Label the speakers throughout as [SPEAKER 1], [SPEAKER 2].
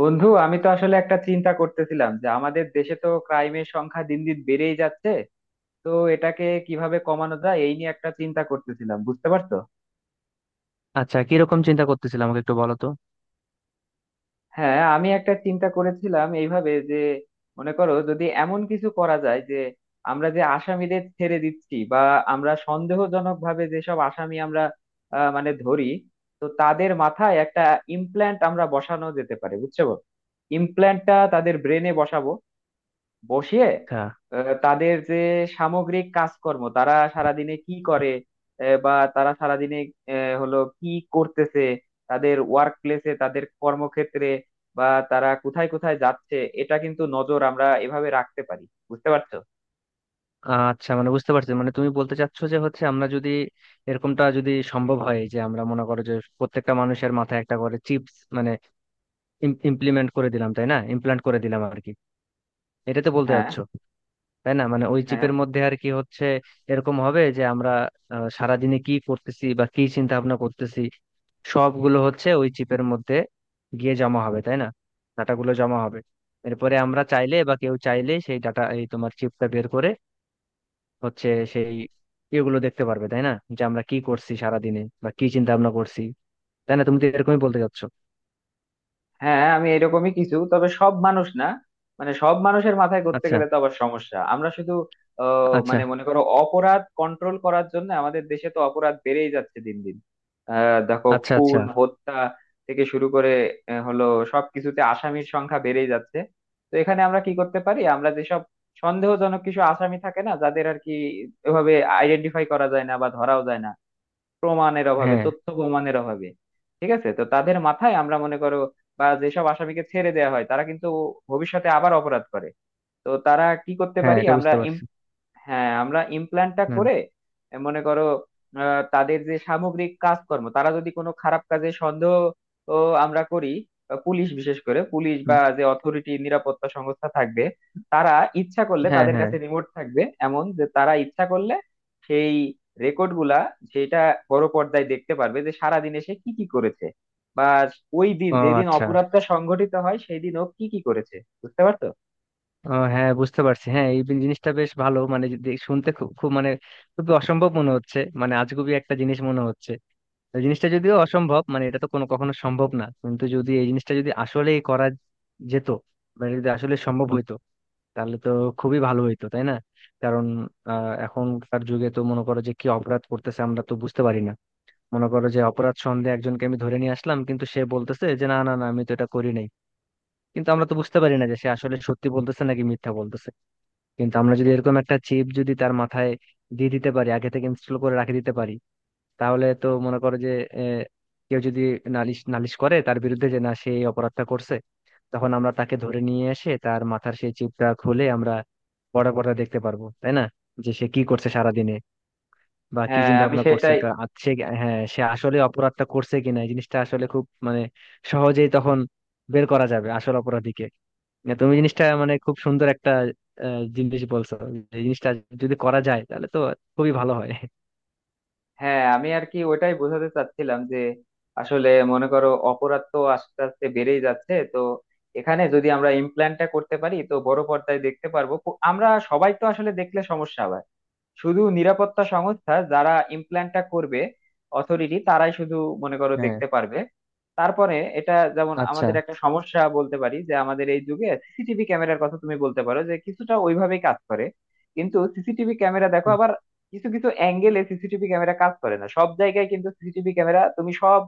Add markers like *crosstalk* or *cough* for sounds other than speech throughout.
[SPEAKER 1] বন্ধু, আমি তো আসলে একটা চিন্তা করতেছিলাম যে আমাদের দেশে তো ক্রাইমের সংখ্যা দিন দিন বেড়েই যাচ্ছে। তো এটাকে কিভাবে কমানো যায় এই নিয়ে একটা চিন্তা করতেছিলাম, বুঝতে পারছো।
[SPEAKER 2] আচ্ছা, কিরকম চিন্তা করতেছিল আমাকে একটু বলো তো।
[SPEAKER 1] হ্যাঁ, আমি একটা চিন্তা করেছিলাম এইভাবে যে মনে করো যদি এমন কিছু করা যায় যে আমরা যে আসামিদের ছেড়ে দিচ্ছি বা আমরা সন্দেহজনক ভাবে যেসব আসামি আমরা মানে ধরি, তো তাদের মাথায় একটা ইমপ্ল্যান্ট আমরা বসানো যেতে পারে, বুঝছো। ইমপ্ল্যান্টটা তাদের ব্রেনে বসাবো, বসিয়ে
[SPEAKER 2] আচ্ছা
[SPEAKER 1] তাদের যে সামগ্রিক কাজকর্ম, তারা সারাদিনে কি করে, বা তারা সারাদিনে আহ, হলো কি করতেছে, তাদের ওয়ার্ক প্লেসে, তাদের কর্মক্ষেত্রে, বা তারা কোথায় কোথায় যাচ্ছে, এটা কিন্তু নজর আমরা এভাবে রাখতে পারি, বুঝতে পারছো।
[SPEAKER 2] আচ্ছা, মানে বুঝতে পারছি। মানে তুমি বলতে চাচ্ছ যে হচ্ছে আমরা যদি এরকমটা যদি সম্ভব হয় যে আমরা মনে করো যে প্রত্যেকটা মানুষের মাথায় একটা করে চিপস, মানে ইমপ্লিমেন্ট করে দিলাম, তাই না? ইমপ্লান্ট করে দিলাম আর কি। এটা তো বলতে
[SPEAKER 1] হ্যাঁ,
[SPEAKER 2] চাচ্ছ, তাই না? মানে ওই
[SPEAKER 1] হ্যাঁ।
[SPEAKER 2] চিপের মধ্যে আর কি হচ্ছে এরকম হবে যে আমরা সারাদিনে কি করতেছি বা কি চিন্তা ভাবনা করতেছি সবগুলো হচ্ছে ওই চিপের মধ্যে গিয়ে জমা হবে, তাই না? ডাটাগুলো জমা হবে। এরপরে আমরা চাইলে বা কেউ চাইলে সেই ডাটা এই তোমার চিপটা বের করে হচ্ছে সেই ইয়েগুলো দেখতে পারবে, তাই না? যে আমরা কি করছি সারা দিনে বা কি চিন্তা ভাবনা করছি। তাই না? তুমি তো এরকমই বলতে চাচ্ছ।
[SPEAKER 1] হ্যাঁ, আমি এরকমই কিছু, তবে সব মানুষ না। মানে সব মানুষের মাথায় করতে
[SPEAKER 2] আচ্ছা
[SPEAKER 1] গেলে তো আবার সমস্যা, আমরা শুধু
[SPEAKER 2] আচ্ছা
[SPEAKER 1] মানে মনে করো অপরাধ কন্ট্রোল করার জন্য। আমাদের দেশে তো অপরাধ বেড়েই যাচ্ছে দিন দিন। দেখো,
[SPEAKER 2] আচ্ছা আচ্ছা।
[SPEAKER 1] খুন হত্যা থেকে শুরু করে আহ, হলো সবকিছুতে আসামির সংখ্যা বেড়েই যাচ্ছে। তো এখানে আমরা কি করতে পারি, আমরা যেসব সন্দেহজনক কিছু আসামি থাকে না, যাদের আর কি এভাবে আইডেন্টিফাই করা যায় না বা ধরাও যায় না, প্রমাণের অভাবে,
[SPEAKER 2] হ্যাঁ
[SPEAKER 1] তথ্য প্রমাণের অভাবে, ঠিক আছে। তো তাদের মাথায় আমরা মনে করো বা যেসব আসামিকে ছেড়ে দেওয়া হয় তারা কিন্তু ভবিষ্যতে আবার অপরাধ করে, তো তারা কি করতে
[SPEAKER 2] হ্যাঁ,
[SPEAKER 1] পারি
[SPEAKER 2] এটা
[SPEAKER 1] আমরা।
[SPEAKER 2] বুঝতে পারছি।
[SPEAKER 1] হ্যাঁ, আমরা ইমপ্ল্যান্টটা
[SPEAKER 2] হ্যাঁ।
[SPEAKER 1] করে মনে করো তাদের যে সামগ্রিক কাজকর্ম, তারা যদি কোনো খারাপ কাজে সন্দেহ ও আমরা করি পুলিশ, বিশেষ করে পুলিশ বা
[SPEAKER 2] হুম।
[SPEAKER 1] যে অথরিটি, নিরাপত্তা সংস্থা থাকবে, তারা ইচ্ছা করলে,
[SPEAKER 2] হ্যাঁ
[SPEAKER 1] তাদের
[SPEAKER 2] হ্যাঁ।
[SPEAKER 1] কাছে রিমোট থাকবে এমন, যে তারা ইচ্ছা করলে সেই রেকর্ড গুলা, সেটা বড় পর্দায় দেখতে পারবে যে সারাদিনে সে কি কি করেছে বা ওই দিন,
[SPEAKER 2] ও
[SPEAKER 1] যেদিন
[SPEAKER 2] আচ্ছা।
[SPEAKER 1] অপরাধটা সংঘটিত হয়, সেই দিন ও কি কি করেছে, বুঝতে পারছো।
[SPEAKER 2] ও হ্যাঁ, বুঝতে পারছি। হ্যাঁ, এই জিনিসটা বেশ ভালো। মানে শুনতে খুব খুব মানে খুবই অসম্ভব মনে হচ্ছে, মানে আজগুবি একটা জিনিস মনে হচ্ছে। এই জিনিসটা যদিও অসম্ভব, মানে এটা তো কোনো কখনো সম্ভব না, কিন্তু যদি এই জিনিসটা যদি আসলেই করা যেত, মানে যদি আসলে সম্ভব হইতো, তাহলে তো খুবই ভালো হইতো, তাই না? কারণ এখনকার যুগে তো মনে করো যে কি অপরাধ করতেছে আমরা তো বুঝতে পারি না। মনে করো যে অপরাধ সন্দেহে একজনকে আমি ধরে নিয়ে আসলাম, কিন্তু সে বলতেছে যে না না না, আমি তো এটা করি নাই। কিন্তু আমরা তো বুঝতে পারি না যে সে আসলে সত্যি বলতেছে নাকি মিথ্যা বলতেছে। কিন্তু আমরা যদি এরকম একটা চিপ যদি তার মাথায় দিয়ে দিতে পারি, আগে থেকে ইনস্টল করে রাখে দিতে পারি, তাহলে তো মনে করো যে আহ, কেউ যদি নালিশ নালিশ করে তার বিরুদ্ধে যে না সে এই অপরাধটা করছে, তখন আমরা তাকে ধরে নিয়ে এসে তার মাথার সেই চিপটা খুলে আমরা বড় পর্দায় দেখতে পারবো, তাই না? যে সে কি করছে সারাদিনে বা কি
[SPEAKER 1] হ্যাঁ,
[SPEAKER 2] চিন্তা
[SPEAKER 1] আমি
[SPEAKER 2] ভাবনা করছে।
[SPEAKER 1] সেটাই।
[SPEAKER 2] সে হ্যাঁ সে আসলে অপরাধটা করছে কিনা এই জিনিসটা আসলে খুব মানে সহজেই তখন বের করা যাবে আসল অপরাধীকে। না, তুমি জিনিসটা মানে খুব সুন্দর একটা জিনিস বলছো। এই জিনিসটা যদি করা যায় তাহলে তো খুবই ভালো হয়।
[SPEAKER 1] হ্যাঁ, আমি আর কি ওইটাই বোঝাতে চাচ্ছিলাম যে আসলে মনে করো অপরাধ তো আস্তে আস্তে বেড়েই যাচ্ছে। তো এখানে যদি আমরা ইমপ্ল্যান্টটা করতে পারি, তো বড় পর্দায় দেখতে পারবো। আমরা সবাই তো আসলে দেখলে সমস্যা, শুধু নিরাপত্তা সংস্থা যারা ইমপ্ল্যান্টটা করবে, অথরিটি, তারাই শুধু মনে করো
[SPEAKER 2] হ্যাঁ।
[SPEAKER 1] দেখতে পারবে। তারপরে এটা যেমন
[SPEAKER 2] আচ্ছা।
[SPEAKER 1] আমাদের একটা সমস্যা বলতে পারি যে আমাদের এই যুগে সিসিটিভি ক্যামেরার কথা তুমি বলতে পারো, যে কিছুটা ওইভাবেই কাজ করে। কিন্তু সিসিটিভি ক্যামেরা দেখো আবার কিছু কিছু অ্যাঙ্গেলে সিসিটিভি ক্যামেরা কাজ করে না, সব জায়গায়। কিন্তু সিসিটিভি ক্যামেরা তুমি সব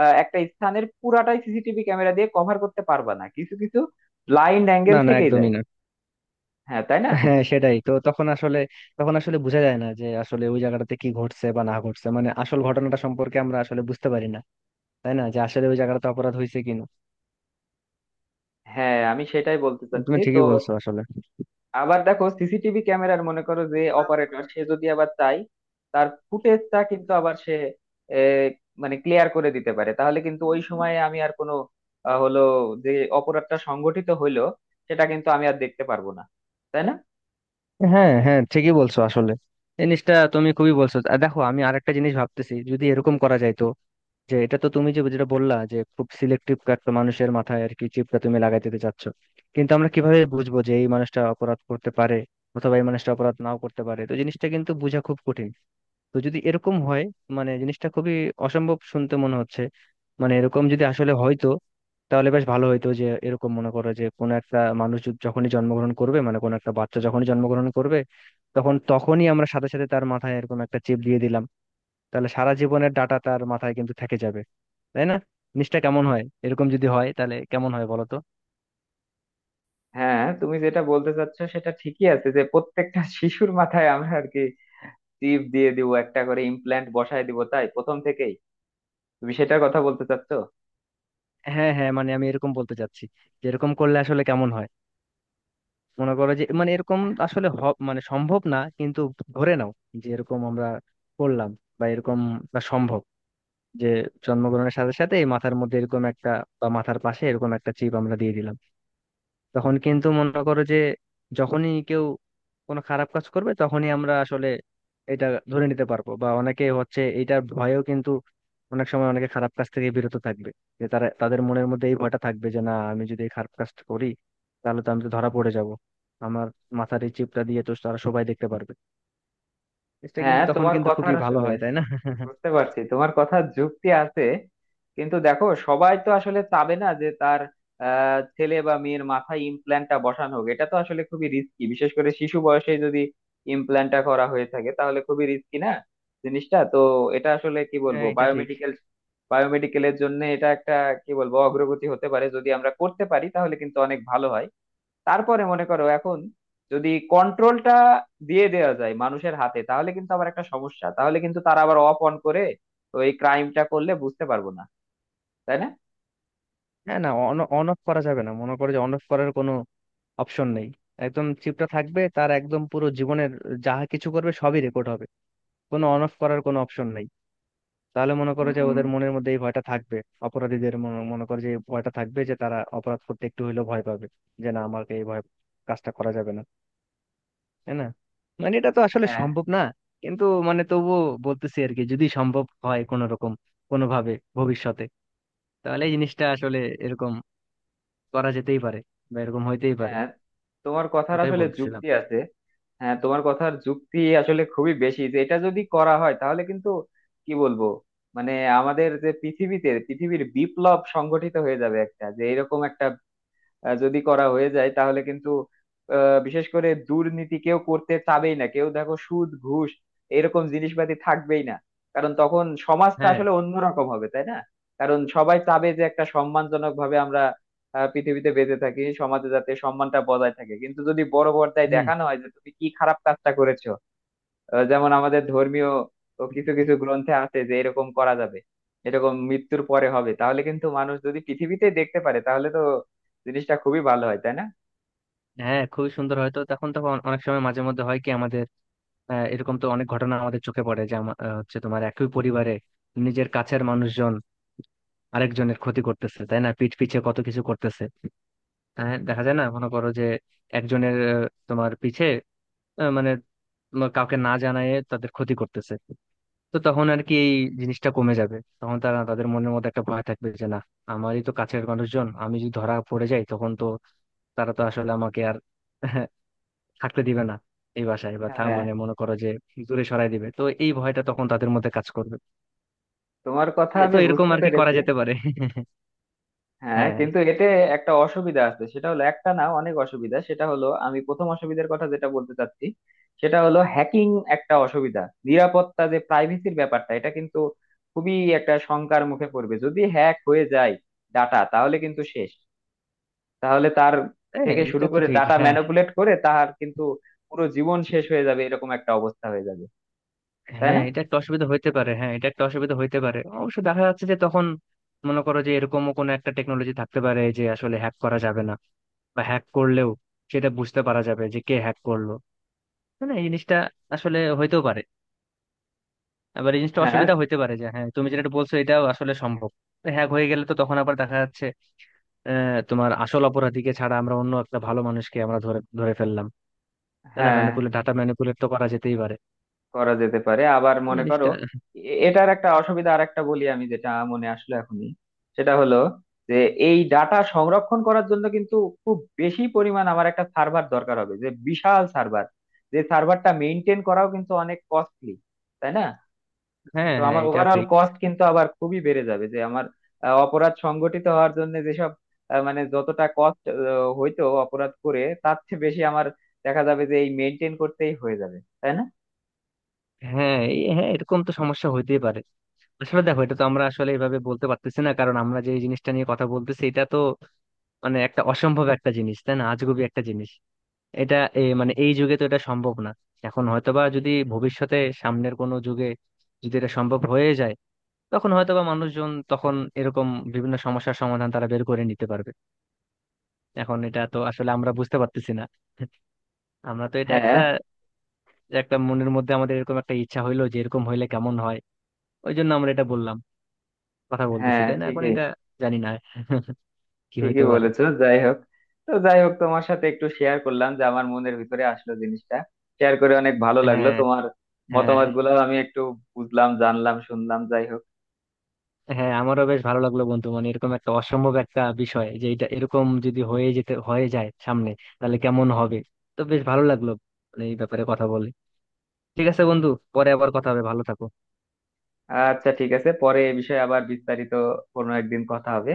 [SPEAKER 1] একটা স্থানের পুরাটাই সিসিটিভি ক্যামেরা দিয়ে কভার করতে পারবা না, কিছু কিছু ব্লাইন্ড অ্যাঙ্গেল
[SPEAKER 2] না না,
[SPEAKER 1] থেকেই যায়।
[SPEAKER 2] একদমই না।
[SPEAKER 1] হ্যাঁ, তাই না।
[SPEAKER 2] হ্যাঁ, সেটাই তো। তখন আসলে তখন আসলে বোঝা যায় না যে আসলে ওই জায়গাটাতে কি ঘটছে বা না ঘটছে, মানে আসল ঘটনাটা সম্পর্কে আমরা আসলে বুঝতে পারি না, তাই না? যে আসলে ওই জায়গাটাতে অপরাধ হয়েছে কিনা।
[SPEAKER 1] হ্যাঁ, আমি সেটাই বলতে
[SPEAKER 2] তুমি
[SPEAKER 1] চাচ্ছি। তো
[SPEAKER 2] ঠিকই বলছো আসলে।
[SPEAKER 1] আবার দেখো, সিসিটিভি ক্যামেরার মনে করো যে অপারেটর, সে যদি আবার চাই, তার ফুটেজটা কিন্তু আবার সে এ, মানে ক্লিয়ার করে দিতে পারে। তাহলে কিন্তু ওই সময়ে আমি আর কোনো আহ, হলো যে অপরাধটা সংগঠিত হইলো, সেটা কিন্তু আমি আর দেখতে পারবো না, তাই না।
[SPEAKER 2] হ্যাঁ হ্যাঁ, ঠিকই বলছো আসলে। এই জিনিসটা তুমি খুবই বলছো। আর দেখো আমি আরেকটা জিনিস ভাবতেছি, যদি এরকম করা যায় তো, যে এটা তো তুমি যে যেটা বললা যে খুব সিলেক্টিভ একটা মানুষের মাথায় আর কি চিপটা তুমি লাগাই দিতে চাচ্ছ। কিন্তু আমরা কিভাবে বুঝবো যে এই মানুষটা অপরাধ করতে পারে অথবা এই মানুষটা অপরাধ নাও করতে পারে? তো জিনিসটা কিন্তু বোঝা খুব কঠিন। তো যদি এরকম হয়, মানে জিনিসটা খুবই অসম্ভব শুনতে মনে হচ্ছে, মানে এরকম যদি আসলে হয়তো, তাহলে বেশ ভালো হইতো। যে এরকম মনে করো যে কোনো একটা মানুষ যখনই জন্মগ্রহণ করবে, মানে কোনো একটা বাচ্চা যখনই জন্মগ্রহণ করবে তখন তখনই আমরা সাথে সাথে তার মাথায় এরকম একটা চিপ দিয়ে দিলাম, তাহলে সারা জীবনের ডাটা তার মাথায় কিন্তু থেকে যাবে, তাই না? জিনিসটা কেমন হয়, এরকম যদি হয় তাহলে কেমন হয় বলো তো।
[SPEAKER 1] হ্যাঁ, তুমি যেটা বলতে চাচ্ছ সেটা ঠিকই আছে, যে প্রত্যেকটা *laughs* শিশুর মাথায় আমরা আর কি চিপ দিয়ে দিব, একটা করে ইমপ্ল্যান্ট বসায় দিব, তাই প্রথম থেকেই, তুমি সেটার কথা বলতে চাচ্ছ।
[SPEAKER 2] হ্যাঁ হ্যাঁ, মানে আমি এরকম বলতে চাচ্ছি যে এরকম করলে আসলে কেমন হয়। মনে করো যে মানে এরকম আসলে মানে সম্ভব না, কিন্তু ধরে নাও যে এরকম আমরা করলাম, বা এরকম বা সম্ভব যে জন্মগ্রহণের সাথে সাথে এই মাথার মধ্যে এরকম একটা বা মাথার পাশে এরকম একটা চিপ আমরা দিয়ে দিলাম। তখন কিন্তু মনে করো যে যখনই কেউ কোনো খারাপ কাজ করবে তখনই আমরা আসলে এটা ধরে নিতে পারবো, বা অনেকে হচ্ছে এটার ভয়েও কিন্তু অনেক সময় অনেকে খারাপ কাজ থেকে বিরত থাকবে। যে তারা তাদের মনের মধ্যে এই ভয়টা থাকবে যে না, আমি যদি এই খারাপ কাজটা করি তাহলে তো আমি তো ধরা পড়ে যাব। আমার মাথার এই চিপটা দিয়ে তো তারা সবাই দেখতে পারবে। এটা
[SPEAKER 1] হ্যাঁ,
[SPEAKER 2] কিন্তু তখন
[SPEAKER 1] তোমার
[SPEAKER 2] কিন্তু
[SPEAKER 1] কথার
[SPEAKER 2] খুবই ভালো
[SPEAKER 1] আসলে
[SPEAKER 2] হয়, তাই না? *laughs*
[SPEAKER 1] বুঝতে পারছি, তোমার কথা যুক্তি আছে। কিন্তু দেখো, সবাই তো আসলে চাবে না যে তার ছেলে বা মেয়ের মাথায় ইমপ্ল্যান্টটা বসানো হোক। এটা তো আসলে খুবই রিস্কি, বিশেষ করে শিশু বয়সে যদি ইমপ্ল্যান্টটা করা হয়ে থাকে তাহলে খুবই রিস্কি না জিনিসটা তো। এটা আসলে কি বলবো,
[SPEAKER 2] হ্যাঁ, এটা ঠিক।
[SPEAKER 1] বায়োমেডিকেল, বায়োমেডিকেলের জন্য এটা একটা, কি বলবো, অগ্রগতি হতে পারে। যদি আমরা করতে পারি তাহলে কিন্তু অনেক ভালো হয়। তারপরে মনে করো এখন যদি কন্ট্রোলটা দিয়ে দেওয়া যায় মানুষের হাতে, তাহলে কিন্তু আবার একটা সমস্যা, তাহলে কিন্তু তারা আবার অফ অন করে ওই ক্রাইমটা করলে বুঝতে পারবো না, তাই না।
[SPEAKER 2] হ্যাঁ না, অন অন অফ করা যাবে না। মনে করো যে অন অফ করার কোনো অপশন নেই। একদম চিপটা থাকবে তার একদম পুরো জীবনের, যাহা কিছু করবে সবই রেকর্ড হবে, কোনো অন অফ করার কোনো অপশন নেই। তাহলে মনে করো যে
[SPEAKER 1] উম,
[SPEAKER 2] ওদের মনের মধ্যে এই ভয়টা থাকবে, অপরাধীদের মনে মনে করো যে এই ভয়টা থাকবে যে তারা অপরাধ করতে একটু হলেও ভয় পাবে, যে না আমাকে এই ভয় কাজটা করা যাবে না, তাই না? মানে এটা তো আসলে
[SPEAKER 1] হ্যাঁ।
[SPEAKER 2] সম্ভব না, কিন্তু মানে তবুও বলতেছি আর কি, যদি সম্ভব হয় কোনো রকম কোনোভাবে ভবিষ্যতে, তাহলে এই জিনিসটা আসলে এরকম করা যেতেই পারে বা এরকম হইতেই পারে।
[SPEAKER 1] হ্যাঁ, তোমার কথার
[SPEAKER 2] ওটাই
[SPEAKER 1] আসলে
[SPEAKER 2] বলতেছিলাম।
[SPEAKER 1] যুক্তি আছে। হ্যাঁ, তোমার কথার যুক্তি আসলে খুবই বেশি, যে এটা যদি করা হয় তাহলে কিন্তু, কি বলবো, মানে আমাদের যে পৃথিবীতে পৃথিবীর বিপ্লব সংগঠিত হয়ে যাবে একটা, যে এরকম একটা যদি করা হয়ে যায় তাহলে কিন্তু বিশেষ করে দুর্নীতি কেউ করতে চাবেই না। কেউ দেখো সুদ ঘুষ এরকম জিনিসপাতি থাকবেই না, কারণ তখন সমাজটা
[SPEAKER 2] হ্যাঁ।
[SPEAKER 1] আসলে অন্যরকম হবে, তাই না। কারণ সবাই চাবে যে একটা সম্মানজনক ভাবে আমরা পৃথিবীতে বেঁচে থাকি, সমাজে যাতে সম্মানটা বজায় থাকে। কিন্তু যদি বড় পর্দায়
[SPEAKER 2] হুম।
[SPEAKER 1] দেখানো হয় যে তুমি কি খারাপ কাজটা করেছো, যেমন আমাদের ধর্মীয় ও কিছু কিছু গ্রন্থে আছে যে এরকম করা যাবে, এরকম মৃত্যুর পরে হবে, তাহলে কিন্তু মানুষ যদি পৃথিবীতে দেখতে পারে তাহলে তো জিনিসটা খুবই ভালো হয়, তাই না।
[SPEAKER 2] হ্যাঁ, খুবই সুন্দর হয়তো। তখন তখন অনেক সময় মাঝে মধ্যে হয় কি আমাদের এরকম তো অনেক ঘটনা আমাদের চোখে পড়ে যে হচ্ছে তোমার একই পরিবারে নিজের কাছের মানুষজন আরেকজনের ক্ষতি করতেছে, তাই না? পিঠ পিছে কত কিছু করতেছে। হ্যাঁ দেখা যায় না, মনে করো যে একজনের তোমার পিছে মানে তোমার কাউকে না জানায় তাদের ক্ষতি করতেছে। তো তখন আর কি এই জিনিসটা কমে যাবে। তখন তারা তাদের মনের মধ্যে একটা ভয় থাকবে যে না, আমারই তো কাছের মানুষজন, আমি যদি ধরা পড়ে যাই তখন তো তারা তো আসলে আমাকে আর *laughs* থাকতে দিবে না এই বাসায় বা
[SPEAKER 1] হ্যাঁ, হ্যাঁ।
[SPEAKER 2] মানে মনে করো যে দূরে সরাই দিবে। তো এই ভয়টা তখন তাদের মধ্যে কাজ করবে।
[SPEAKER 1] তোমার কথা
[SPEAKER 2] এই তো,
[SPEAKER 1] আমি
[SPEAKER 2] এরকম
[SPEAKER 1] বুঝতে
[SPEAKER 2] আর কি করা
[SPEAKER 1] পেরেছি।
[SPEAKER 2] যেতে পারে। *laughs*
[SPEAKER 1] হ্যাঁ,
[SPEAKER 2] হ্যাঁ
[SPEAKER 1] কিন্তু এতে একটা অসুবিধা আছে, সেটা হলো একটা না, অনেক অসুবিধা। সেটা হলো, আমি প্রথম অসুবিধার কথা যেটা বলতে চাচ্ছি, সেটা হলো হ্যাকিং, একটা অসুবিধা। নিরাপত্তা, যে প্রাইভেসির ব্যাপারটা এটা কিন্তু খুবই একটা শঙ্কার মুখে পড়বে। যদি হ্যাক হয়ে যায় ডাটা, তাহলে কিন্তু শেষ, তাহলে তার
[SPEAKER 2] হ্যাঁ,
[SPEAKER 1] থেকে শুরু
[SPEAKER 2] এটা তো
[SPEAKER 1] করে,
[SPEAKER 2] ঠিক।
[SPEAKER 1] ডাটা
[SPEAKER 2] হ্যাঁ
[SPEAKER 1] ম্যানিপুলেট করে, তার কিন্তু পুরো জীবন শেষ হয়ে যাবে, এরকম একটা অবস্থা হয়ে যাবে, তাই
[SPEAKER 2] হ্যাঁ,
[SPEAKER 1] না।
[SPEAKER 2] এটা একটা অসুবিধা হইতে পারে। হ্যাঁ, এটা একটা অসুবিধা হইতে পারে। অবশ্য দেখা যাচ্ছে যে তখন মনে করো যে এরকমও কোনো একটা টেকনোলজি থাকতে পারে যে আসলে হ্যাক করা যাবে না, বা হ্যাক করলেও সেটা বুঝতে পারা যাবে যে কে হ্যাক করলো। মানে এই জিনিসটা আসলে হইতেও পারে। আবার এই জিনিসটা
[SPEAKER 1] হ্যাঁ,
[SPEAKER 2] অসুবিধা হইতে পারে, যে হ্যাঁ তুমি যেটা বলছো এটাও আসলে সম্ভব। হ্যাক হয়ে গেলে তো তখন আবার দেখা যাচ্ছে তোমার আসল অপরাধীকে ছাড়া আমরা অন্য একটা ভালো মানুষকে আমরা ধরে ধরে ফেললাম, তাই না?
[SPEAKER 1] হ্যাঁ,
[SPEAKER 2] ম্যানিপুলেট, ডাটা ম্যানিপুলেট তো করা যেতেই পারে
[SPEAKER 1] করা যেতে পারে। আবার
[SPEAKER 2] এই
[SPEAKER 1] মনে করো
[SPEAKER 2] জিনিসটা।
[SPEAKER 1] এটার একটা অসুবিধা আর একটা বলি, আমি যেটা মনে আসলো এখনই। সেটা হলো যে এই ডাটা সংরক্ষণ করার জন্য কিন্তু খুব বেশি পরিমাণ আমার একটা সার্ভার দরকার হবে, যে বিশাল সার্ভার, যে সার্ভারটা মেইনটেইন করাও কিন্তু অনেক কস্টলি, তাই না।
[SPEAKER 2] হ্যাঁ
[SPEAKER 1] তো
[SPEAKER 2] হ্যাঁ,
[SPEAKER 1] আমার
[SPEAKER 2] এটা
[SPEAKER 1] ওভারঅল
[SPEAKER 2] ঠিক।
[SPEAKER 1] কস্ট কিন্তু আবার খুবই বেড়ে যাবে, যে আমার অপরাধ সংগঠিত হওয়ার জন্য যেসব, মানে যতটা কস্ট হইতো অপরাধ করে, তার চেয়ে বেশি আমার দেখা যাবে যে এই মেনটেন করতেই হয়ে যাবে, তাই না।
[SPEAKER 2] হ্যাঁ হ্যাঁ, এরকম তো সমস্যা হইতেই পারে। আসলে দেখো এটা তো আমরা আসলে এইভাবে বলতে পারতেছি না, কারণ আমরা যে এই জিনিসটা নিয়ে কথা বলতেছি এটা তো মানে একটা অসম্ভব একটা জিনিস, তাই না? আজগুবি একটা জিনিস। এটা মানে এই যুগে তো এটা সম্ভব না। এখন হয়তোবা যদি ভবিষ্যতে সামনের কোনো যুগে যদি এটা সম্ভব হয়ে যায়, তখন হয়তোবা মানুষজন তখন এরকম বিভিন্ন সমস্যার সমাধান তারা বের করে নিতে পারবে। এখন এটা তো আসলে আমরা বুঝতে পারতেছি না। আমরা তো এটা
[SPEAKER 1] হ্যাঁ,
[SPEAKER 2] একটা একটা মনের মধ্যে আমাদের এরকম একটা ইচ্ছা হইলো যে এরকম হইলে কেমন হয়, ওই জন্য আমরা এটা বললাম, কথা বলতেছি,
[SPEAKER 1] হ্যাঁ,
[SPEAKER 2] তাই না? এখন
[SPEAKER 1] ঠিকই।
[SPEAKER 2] এটা জানি না *laughs* কি হইতে
[SPEAKER 1] ঠিকই
[SPEAKER 2] পারে।
[SPEAKER 1] বলেছো। যাই হোক, তো যাই হোক, তোমার সাথে একটু শেয়ার করলাম যে আমার মনের ভিতরে আসলো জিনিসটা, শেয়ার করে অনেক ভালো লাগলো।
[SPEAKER 2] হ্যাঁ।
[SPEAKER 1] তোমার
[SPEAKER 2] হ্যাঁ।
[SPEAKER 1] মতামত গুলো আমি একটু বুঝলাম, জানলাম, শুনলাম। যাই হোক,
[SPEAKER 2] হ্যাঁ, আমারও বেশ ভালো লাগলো বন্ধু। মানে এরকম একটা অসম্ভব একটা বিষয় যে এটা এরকম যদি হয়ে যায় সামনে, তাহলে কেমন হবে। তো বেশ ভালো লাগলো মানে এই ব্যাপারে কথা বলে। ঠিক আছে বন্ধু, পরে আবার কথা হবে। ভালো থাকো।
[SPEAKER 1] আচ্ছা, ঠিক আছে, পরে এ বিষয়ে আবার বিস্তারিত কোনো একদিন কথা হবে।